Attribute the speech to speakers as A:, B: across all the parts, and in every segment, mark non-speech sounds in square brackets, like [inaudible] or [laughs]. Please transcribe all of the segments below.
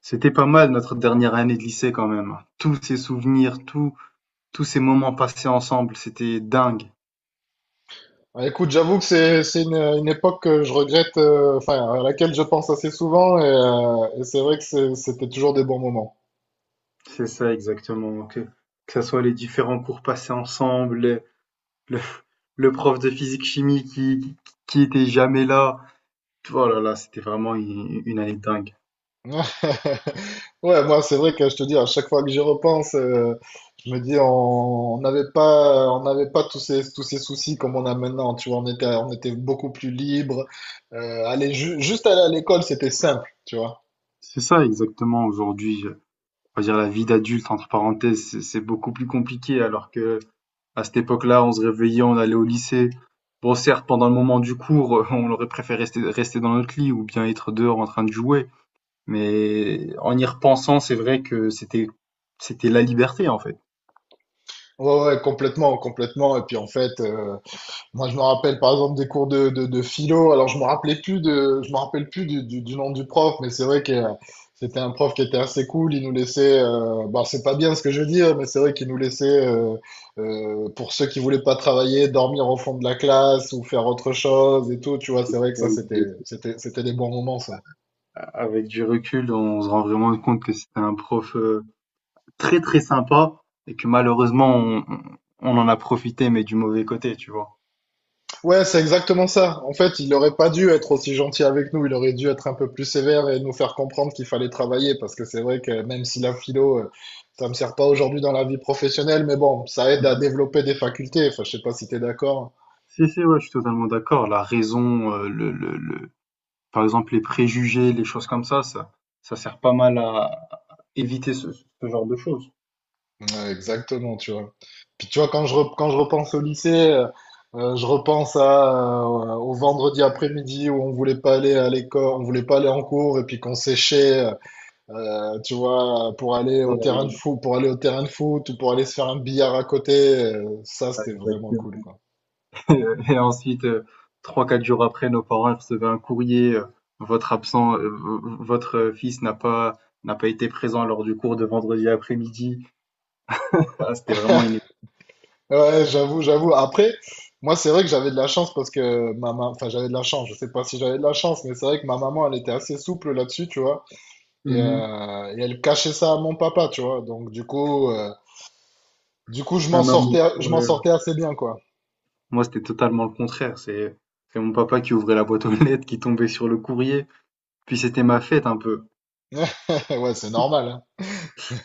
A: C'était pas mal notre dernière année de lycée quand même. Tous ces souvenirs, tous ces moments passés ensemble, c'était dingue.
B: Ah, écoute, j'avoue que c'est une époque que je regrette, enfin à laquelle je pense assez souvent, et c'est vrai que c'était toujours des bons moments.
A: C'est ça exactement. Que ce soit les différents cours passés ensemble, le- le prof de physique-chimie qui était jamais là. Oh là là, c'était vraiment une année dingue.
B: [laughs] Ouais, moi c'est vrai que je te dis à chaque fois que j'y repense, je me dis on n'avait pas, on n'avait pas tous ces soucis comme on a maintenant. Tu vois, on était beaucoup plus libre. Juste aller à l'école, c'était simple, tu vois.
A: C'est ça exactement aujourd'hui. On va dire la vie d'adulte, entre parenthèses, c'est beaucoup plus compliqué alors que à cette époque-là, on se réveillait, on allait au lycée. Bon, certes, pendant le moment du cours, [laughs] on aurait préféré rester dans notre lit ou bien être dehors en train de jouer. Mais en y repensant, c'est vrai que c'était la liberté, en fait.
B: Ouais, ouais, complètement, complètement. Et puis en fait. Je me rappelle par exemple des cours de philo. Alors, je me rappelle plus du nom du prof, mais c'est vrai que c'était un prof qui était assez cool. Il nous laissait, bon, c'est pas bien ce que je veux dire, mais c'est vrai qu'il nous laissait, pour ceux qui voulaient pas travailler, dormir au fond de la classe ou faire autre chose et tout. Tu vois, c'est vrai que ça, c'était des bons moments, ça.
A: Avec du recul, on se rend vraiment compte que c'était un prof très très sympa et que malheureusement, on en a profité, mais du mauvais côté, tu vois.
B: Ouais, c'est exactement ça. En fait, il aurait pas dû être aussi gentil avec nous. Il aurait dû être un peu plus sévère et nous faire comprendre qu'il fallait travailler. Parce que c'est vrai que même si la philo, ça me sert pas aujourd'hui dans la vie professionnelle, mais bon, ça aide à
A: Mhm.
B: développer des facultés. Enfin, je sais pas si t'es d'accord.
A: Si, si, ouais, je suis totalement d'accord. La raison, par exemple, les préjugés, les choses comme ça, ça sert pas mal à éviter ce genre de choses.
B: Ouais, exactement, tu vois. Puis tu vois, quand je repense au lycée, je repense à, au vendredi après-midi où on voulait pas aller à l'école, on voulait pas aller en cours et puis qu'on séchait. Tu vois, pour aller au terrain de foot ou pour aller se faire un billard à côté, ça c'était vraiment cool, quoi.
A: Et ensuite, trois, quatre jours après, nos parents recevaient un courrier, votre absent, votre fils n'a pas été présent lors du cours de vendredi après-midi. Ah, c'était vraiment une...
B: [laughs] Ouais, j'avoue, j'avoue. Après, moi c'est vrai que j'avais de la chance parce que ma maman, enfin j'avais de la chance, je sais pas si j'avais de la chance, mais c'est vrai que ma maman elle était assez souple là-dessus, tu vois,
A: Mhm.
B: et elle cachait ça à mon papa, tu vois. Donc du coup,
A: Ah non, mais,
B: je m'en
A: ouais.
B: sortais assez bien, quoi.
A: Moi, c'était totalement le contraire. C'est mon papa qui ouvrait la boîte aux lettres, qui tombait sur le courrier. Puis c'était ma fête un peu.
B: [laughs] Ouais, c'est normal,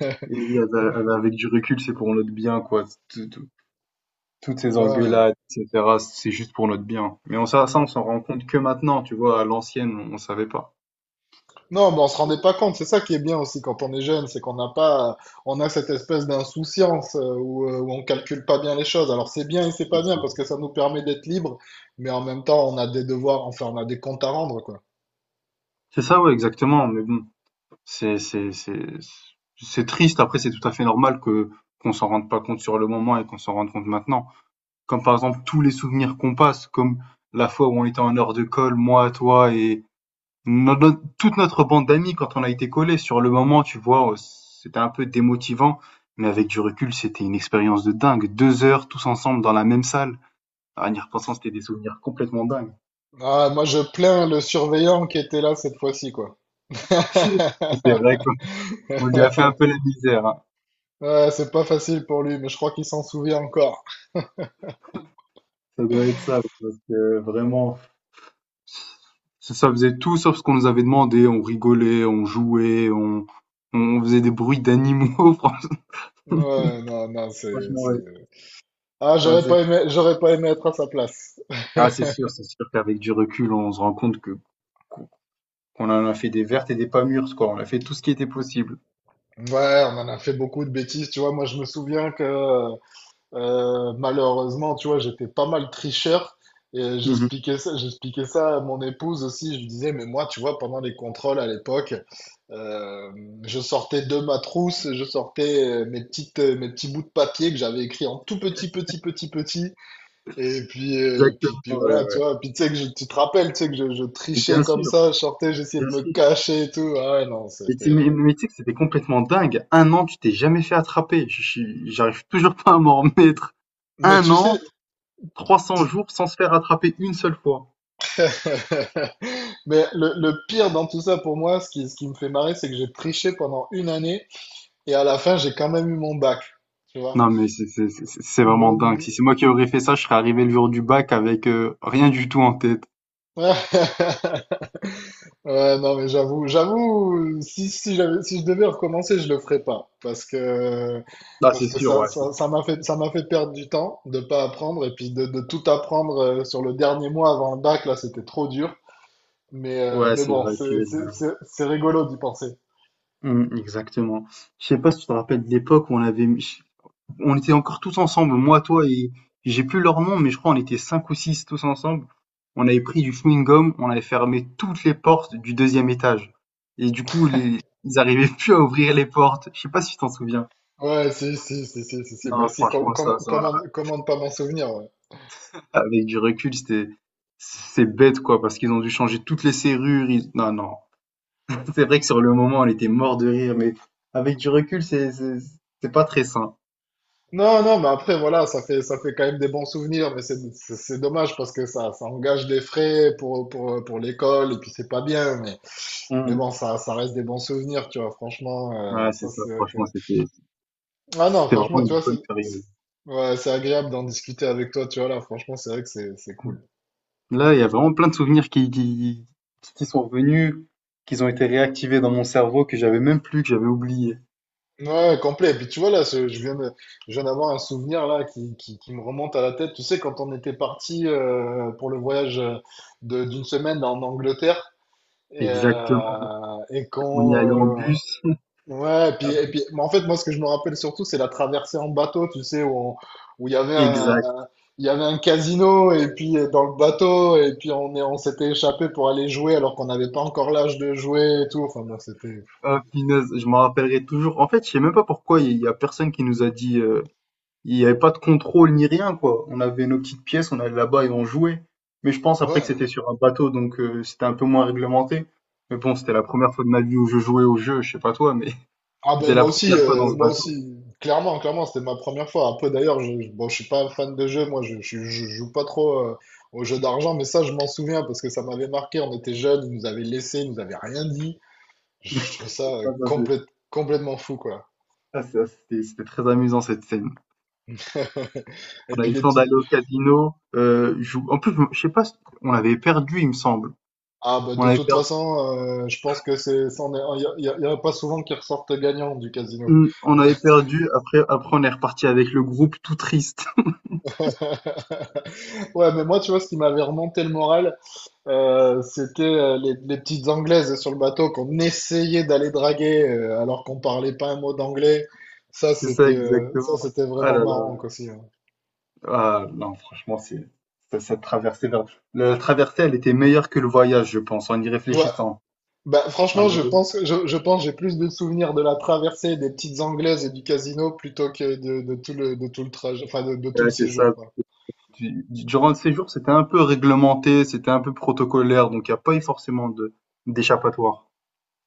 B: hein.
A: Et oui, avec du recul, c'est pour notre bien, quoi. Toutes
B: [laughs]
A: ces
B: Ouais.
A: engueulades, et cetera, c'est juste pour notre bien. Mais on s'en rend compte que maintenant, tu vois, à l'ancienne, on savait pas.
B: Non, mais on se rendait pas compte. C'est ça qui est bien aussi quand on est jeune, c'est qu'on n'a pas, on a cette espèce d'insouciance où on calcule pas bien les choses. Alors c'est bien et c'est pas
A: C'est
B: bien
A: ça.
B: parce que ça nous permet d'être libre, mais en même temps on a des devoirs, enfin on a des comptes à rendre quoi.
A: C'est ça, ouais, exactement. Mais bon, c'est, c'est, c'est, c'est triste. Après, c'est tout à fait normal qu'on s'en rende pas compte sur le moment et qu'on s'en rende compte maintenant. Comme par exemple, tous les souvenirs qu'on passe, comme la fois où on était en heure de colle, moi, toi et, notre toute notre bande d'amis quand on a été collés, sur le moment, tu vois, c'était un peu démotivant, mais avec du recul, c'était une expérience de dingue. Deux heures tous ensemble dans la même salle. Ah, en y repensant, c'était des souvenirs complètement dingues.
B: Ah, moi je plains le surveillant qui était là cette fois-ci quoi.
A: [laughs] C'est vrai
B: [laughs]
A: qu'on lui a fait un peu la misère, hein.
B: Ouais, c'est pas facile pour lui, mais je crois qu'il s'en souvient encore.
A: Ça doit être ça, parce que vraiment, ça faisait tout sauf ce qu'on nous avait demandé. On rigolait, on jouait, on faisait des bruits d'animaux, [laughs]
B: Ouais, non, non, c'est,
A: ouais,
B: c'est. Ah,
A: c'était assez fou.
B: j'aurais pas aimé être à sa place.
A: Ah,
B: [laughs]
A: c'est sûr qu'avec du recul, on se rend compte que on en a fait des vertes et des pas mûres, quoi. On a fait tout ce qui était possible.
B: Ouais, on en a fait beaucoup de bêtises, tu vois. Moi, je me souviens que malheureusement, tu vois, j'étais pas mal tricheur et
A: Mmh.
B: j'expliquais ça à mon épouse aussi. Je lui disais, mais moi, tu vois, pendant les contrôles à l'époque, euh, je sortais de ma trousse, je sortais mes petits bouts de papier que j'avais écrits en tout petit, petit, petit, petit. Et puis,
A: Exactement,
B: puis
A: ouais,
B: voilà, tu
A: ouais.
B: vois. Puis tu sais que tu te rappelles, tu sais que je
A: Mais bien
B: trichais comme
A: sûr,
B: ça, je sortais, j'essayais de
A: bien
B: me
A: sûr.
B: cacher et tout. Ah ouais, non,
A: Mais tu mais
B: c'était.
A: mais tu sais que c'était complètement dingue. Un an, tu t'es jamais fait attraper. Je suis j'arrive toujours pas à m'en remettre.
B: Mais
A: Un
B: tu
A: an,
B: sais.
A: 300 jours sans se faire attraper une seule fois.
B: [laughs] Mais le pire dans tout ça pour moi, ce qui me fait marrer, c'est que j'ai triché pendant une année et à la fin, j'ai quand même eu mon bac, tu vois.
A: Non mais c'est vraiment
B: Donc,
A: dingue.
B: [laughs]
A: Si c'est moi qui aurais fait ça, je serais arrivé le jour du bac avec, rien du tout en tête.
B: ouais, non, mais j'avoue, j'avoue, si je devais recommencer, je le ferais pas parce que,
A: Ah,
B: parce
A: c'est
B: que
A: sûr,
B: ça m'a fait perdre du temps de pas apprendre et puis de tout apprendre sur le dernier mois avant le bac, là, c'était trop dur.
A: ouais,
B: Mais
A: c'est
B: bon,
A: vrai qu'il est là.
B: c'est rigolo d'y penser.
A: Mmh, exactement. Je sais pas si tu te rappelles de l'époque où on avait mis on était encore tous ensemble, moi, toi et j'ai plus leur nom, mais je crois on était cinq ou six tous ensemble. On avait pris du chewing-gum, on avait fermé toutes les portes du deuxième étage. Et du coup, ils arrivaient plus à ouvrir les portes. Je sais pas si tu t'en souviens.
B: Ouais, si, si, si, si, si, si. Bah,
A: Non,
B: si,
A: franchement,
B: comment ne pas m'en souvenir, ouais.
A: avec du recul, c'est bête, quoi, parce qu'ils ont dû changer toutes les serrures. Non, non. C'est vrai que sur le moment, on était mort de rire, mais avec du recul, c'est pas très sain.
B: Non, non, mais après, voilà, ça fait quand même des bons souvenirs, mais c'est c'est dommage parce que ça engage des frais pour l'école, et puis c'est pas bien, mais
A: Mm.
B: bon, ça reste des bons souvenirs, tu vois, franchement,
A: Ouais, c'est
B: ça,
A: ça.
B: c'est vrai que...
A: Franchement,
B: Ah non,
A: c'était vraiment
B: franchement, tu
A: une
B: vois,
A: bonne
B: c'est-
A: période.
B: ouais, c'est agréable d'en discuter avec toi, tu vois, là, franchement, c'est vrai que c'est cool.
A: Là, il y a vraiment plein de souvenirs qui sont revenus, qu'ils ont été réactivés dans mon cerveau, que j'avais oublié.
B: Ouais, complet. Et puis tu vois là, je viens d'avoir un souvenir là qui me remonte à la tête. Tu sais, quand on était parti pour le voyage d'une semaine en Angleterre et,
A: Exactement. On y allait en bus.
B: ouais, mais en fait, moi, ce que je me rappelle surtout, c'est la traversée en bateau. Tu sais, où il y avait
A: Exact.
B: il y avait un casino et puis dans le bateau et puis on s'était échappé pour aller jouer alors qu'on n'avait pas encore l'âge de jouer et tout. Enfin bon, c'était.
A: Ah, punaise, je m'en rappellerai toujours. En fait, je sais même pas pourquoi il y a personne qui nous a dit, il n'y avait pas de contrôle ni rien, quoi. On avait nos petites pièces, on allait là-bas et on jouait. Mais je pense après que
B: Ouais,
A: c'était sur un bateau, donc c'était un peu moins réglementé. Mais bon, c'était la première fois de ma vie où je jouais au jeu, je sais pas toi, mais [laughs]
B: ah ben
A: c'était la première fois dans ce
B: moi
A: bateau.
B: aussi, clairement, clairement, c'était ma première fois. Après d'ailleurs, bon, je suis pas fan de jeu, moi je joue pas trop aux jeux d'argent, mais ça je m'en souviens parce que ça m'avait marqué, on était jeunes, ils nous avaient laissés, ils nous avaient rien dit. Je trouve ça
A: Ah,
B: complètement fou quoi.
A: Ah, c'était très amusant cette scène.
B: Et
A: On
B: puis
A: avait
B: les
A: le d'aller
B: petites...
A: au casino. En plus, je sais pas, si, on avait perdu, il me semble.
B: Ah ben
A: On
B: de
A: avait
B: toute
A: perdu,
B: façon, je pense que c'est... ça, il n'y a, il y a pas souvent qui ressortent gagnants du casino.
A: on avait perdu. Après, on est reparti avec le groupe tout triste. [laughs]
B: [laughs] Ouais, mais moi, tu vois, ce qui m'avait remonté le moral, c'était les petites anglaises sur le bateau qu'on essayait d'aller draguer alors qu'on parlait pas un mot d'anglais. Ça,
A: C'est ça, exactement.
B: c'était
A: Ah
B: vraiment
A: là là.
B: marrant quoi, aussi. Ouais.
A: Ah, non, franchement, c'est ça- cette traversée. Vers- la traversée, elle était meilleure que le voyage, je pense, en y
B: Ouais,
A: réfléchissant.
B: bah, franchement,
A: En y ré-
B: je pense, j'ai plus de souvenirs de la traversée des petites anglaises et du casino plutôt que de tout le trajet, enfin de tout
A: Ouais,
B: le
A: c'est ça.
B: séjour, quoi.
A: Durant le séjour, c'était un peu réglementé, c'était un peu protocolaire, donc il n'y a pas eu forcément de d'échappatoire.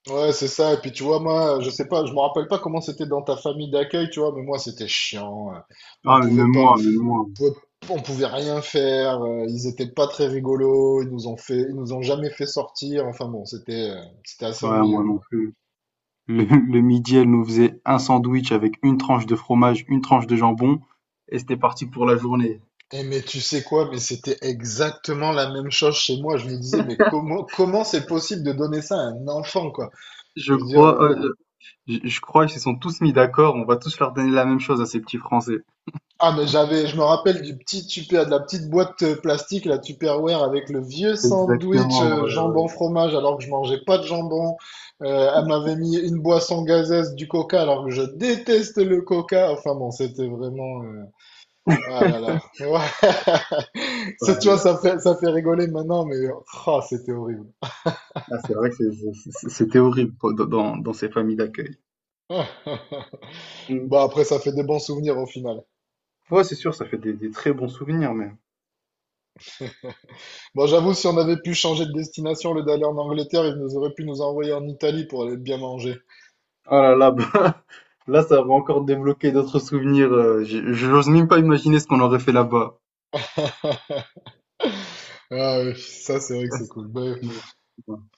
B: Ouais, c'est ça. Et puis tu vois, moi, je sais pas, je me rappelle pas comment c'était dans ta famille d'accueil, tu vois, mais moi, c'était chiant. On
A: Ah, mais
B: pouvait
A: même
B: pas,
A: moi, même moi.
B: pouvait- on pouvait rien faire, ils étaient pas très rigolos, ils nous ont jamais fait sortir, enfin bon, c'était assez
A: Ouais,
B: ennuyeux
A: moi non
B: quoi.
A: plus. Le midi, elle nous faisait un sandwich avec une tranche de fromage, une tranche de jambon, et c'était parti pour la journée.
B: Et mais tu sais quoi, mais c'était exactement la même chose chez moi. Je me disais, mais comment c'est possible de donner ça à un enfant quoi?
A: Je
B: Je veux dire,
A: crois, je crois qu'ils se sont tous mis d'accord, on va tous leur donner la même chose à ces petits Français.
B: ah, mais j'avais, je me rappelle du petit tupper, de la petite boîte plastique, la Tupperware avec le vieux sandwich
A: Exactement,
B: jambon fromage alors que je mangeais pas de jambon. Elle m'avait mis une boisson gazeuse du coca alors que je déteste le coca. Enfin bon, c'était vraiment, ah là là. Ouais. [laughs] Ça, tu
A: ouais.
B: vois, ça fait rigoler maintenant, mais, ah, c'était horrible.
A: Ah, c'est vrai que c'était horrible quoi, dans ces familles d'accueil.
B: [laughs]
A: Mm.
B: Bah après, ça fait des bons souvenirs au final.
A: Ouais, c'est sûr, ça fait des très bons souvenirs, mais...
B: Bon, j'avoue, si on avait pu changer de destination, le d'aller en Angleterre, ils nous auraient pu nous envoyer en Italie pour aller bien manger.
A: Oh là là, bah, [laughs] là, ça va encore débloquer d'autres souvenirs. J'ose même pas imaginer ce qu'on aurait fait là-bas.
B: Ah ouais, ça c'est vrai que
A: Ah,
B: c'est
A: c'est-
B: cool. Ben,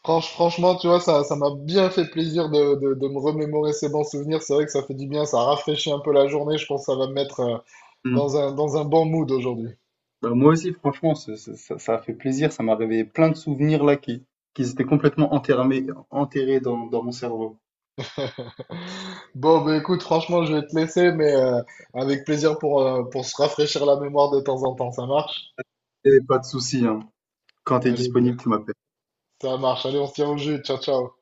B: franchement, tu vois, ça m'a bien fait plaisir de me remémorer ces bons souvenirs. C'est vrai que ça fait du bien, ça rafraîchit un peu la journée. Je pense que ça va me mettre
A: Mm.
B: dans un bon mood aujourd'hui.
A: Bah, moi aussi, franchement, ça a fait plaisir. Ça m'a réveillé plein de souvenirs là qui étaient complètement enterrés, enterrés dans mon cerveau.
B: Bon, ben écoute, franchement, je vais te laisser, mais avec plaisir pour se rafraîchir la mémoire de temps en temps. Ça marche?
A: Et pas de souci, hein. Quand tu es
B: Allez, ben,
A: disponible, tu m'appelles.
B: ça marche. Allez, on se tient au jus. Ciao, ciao.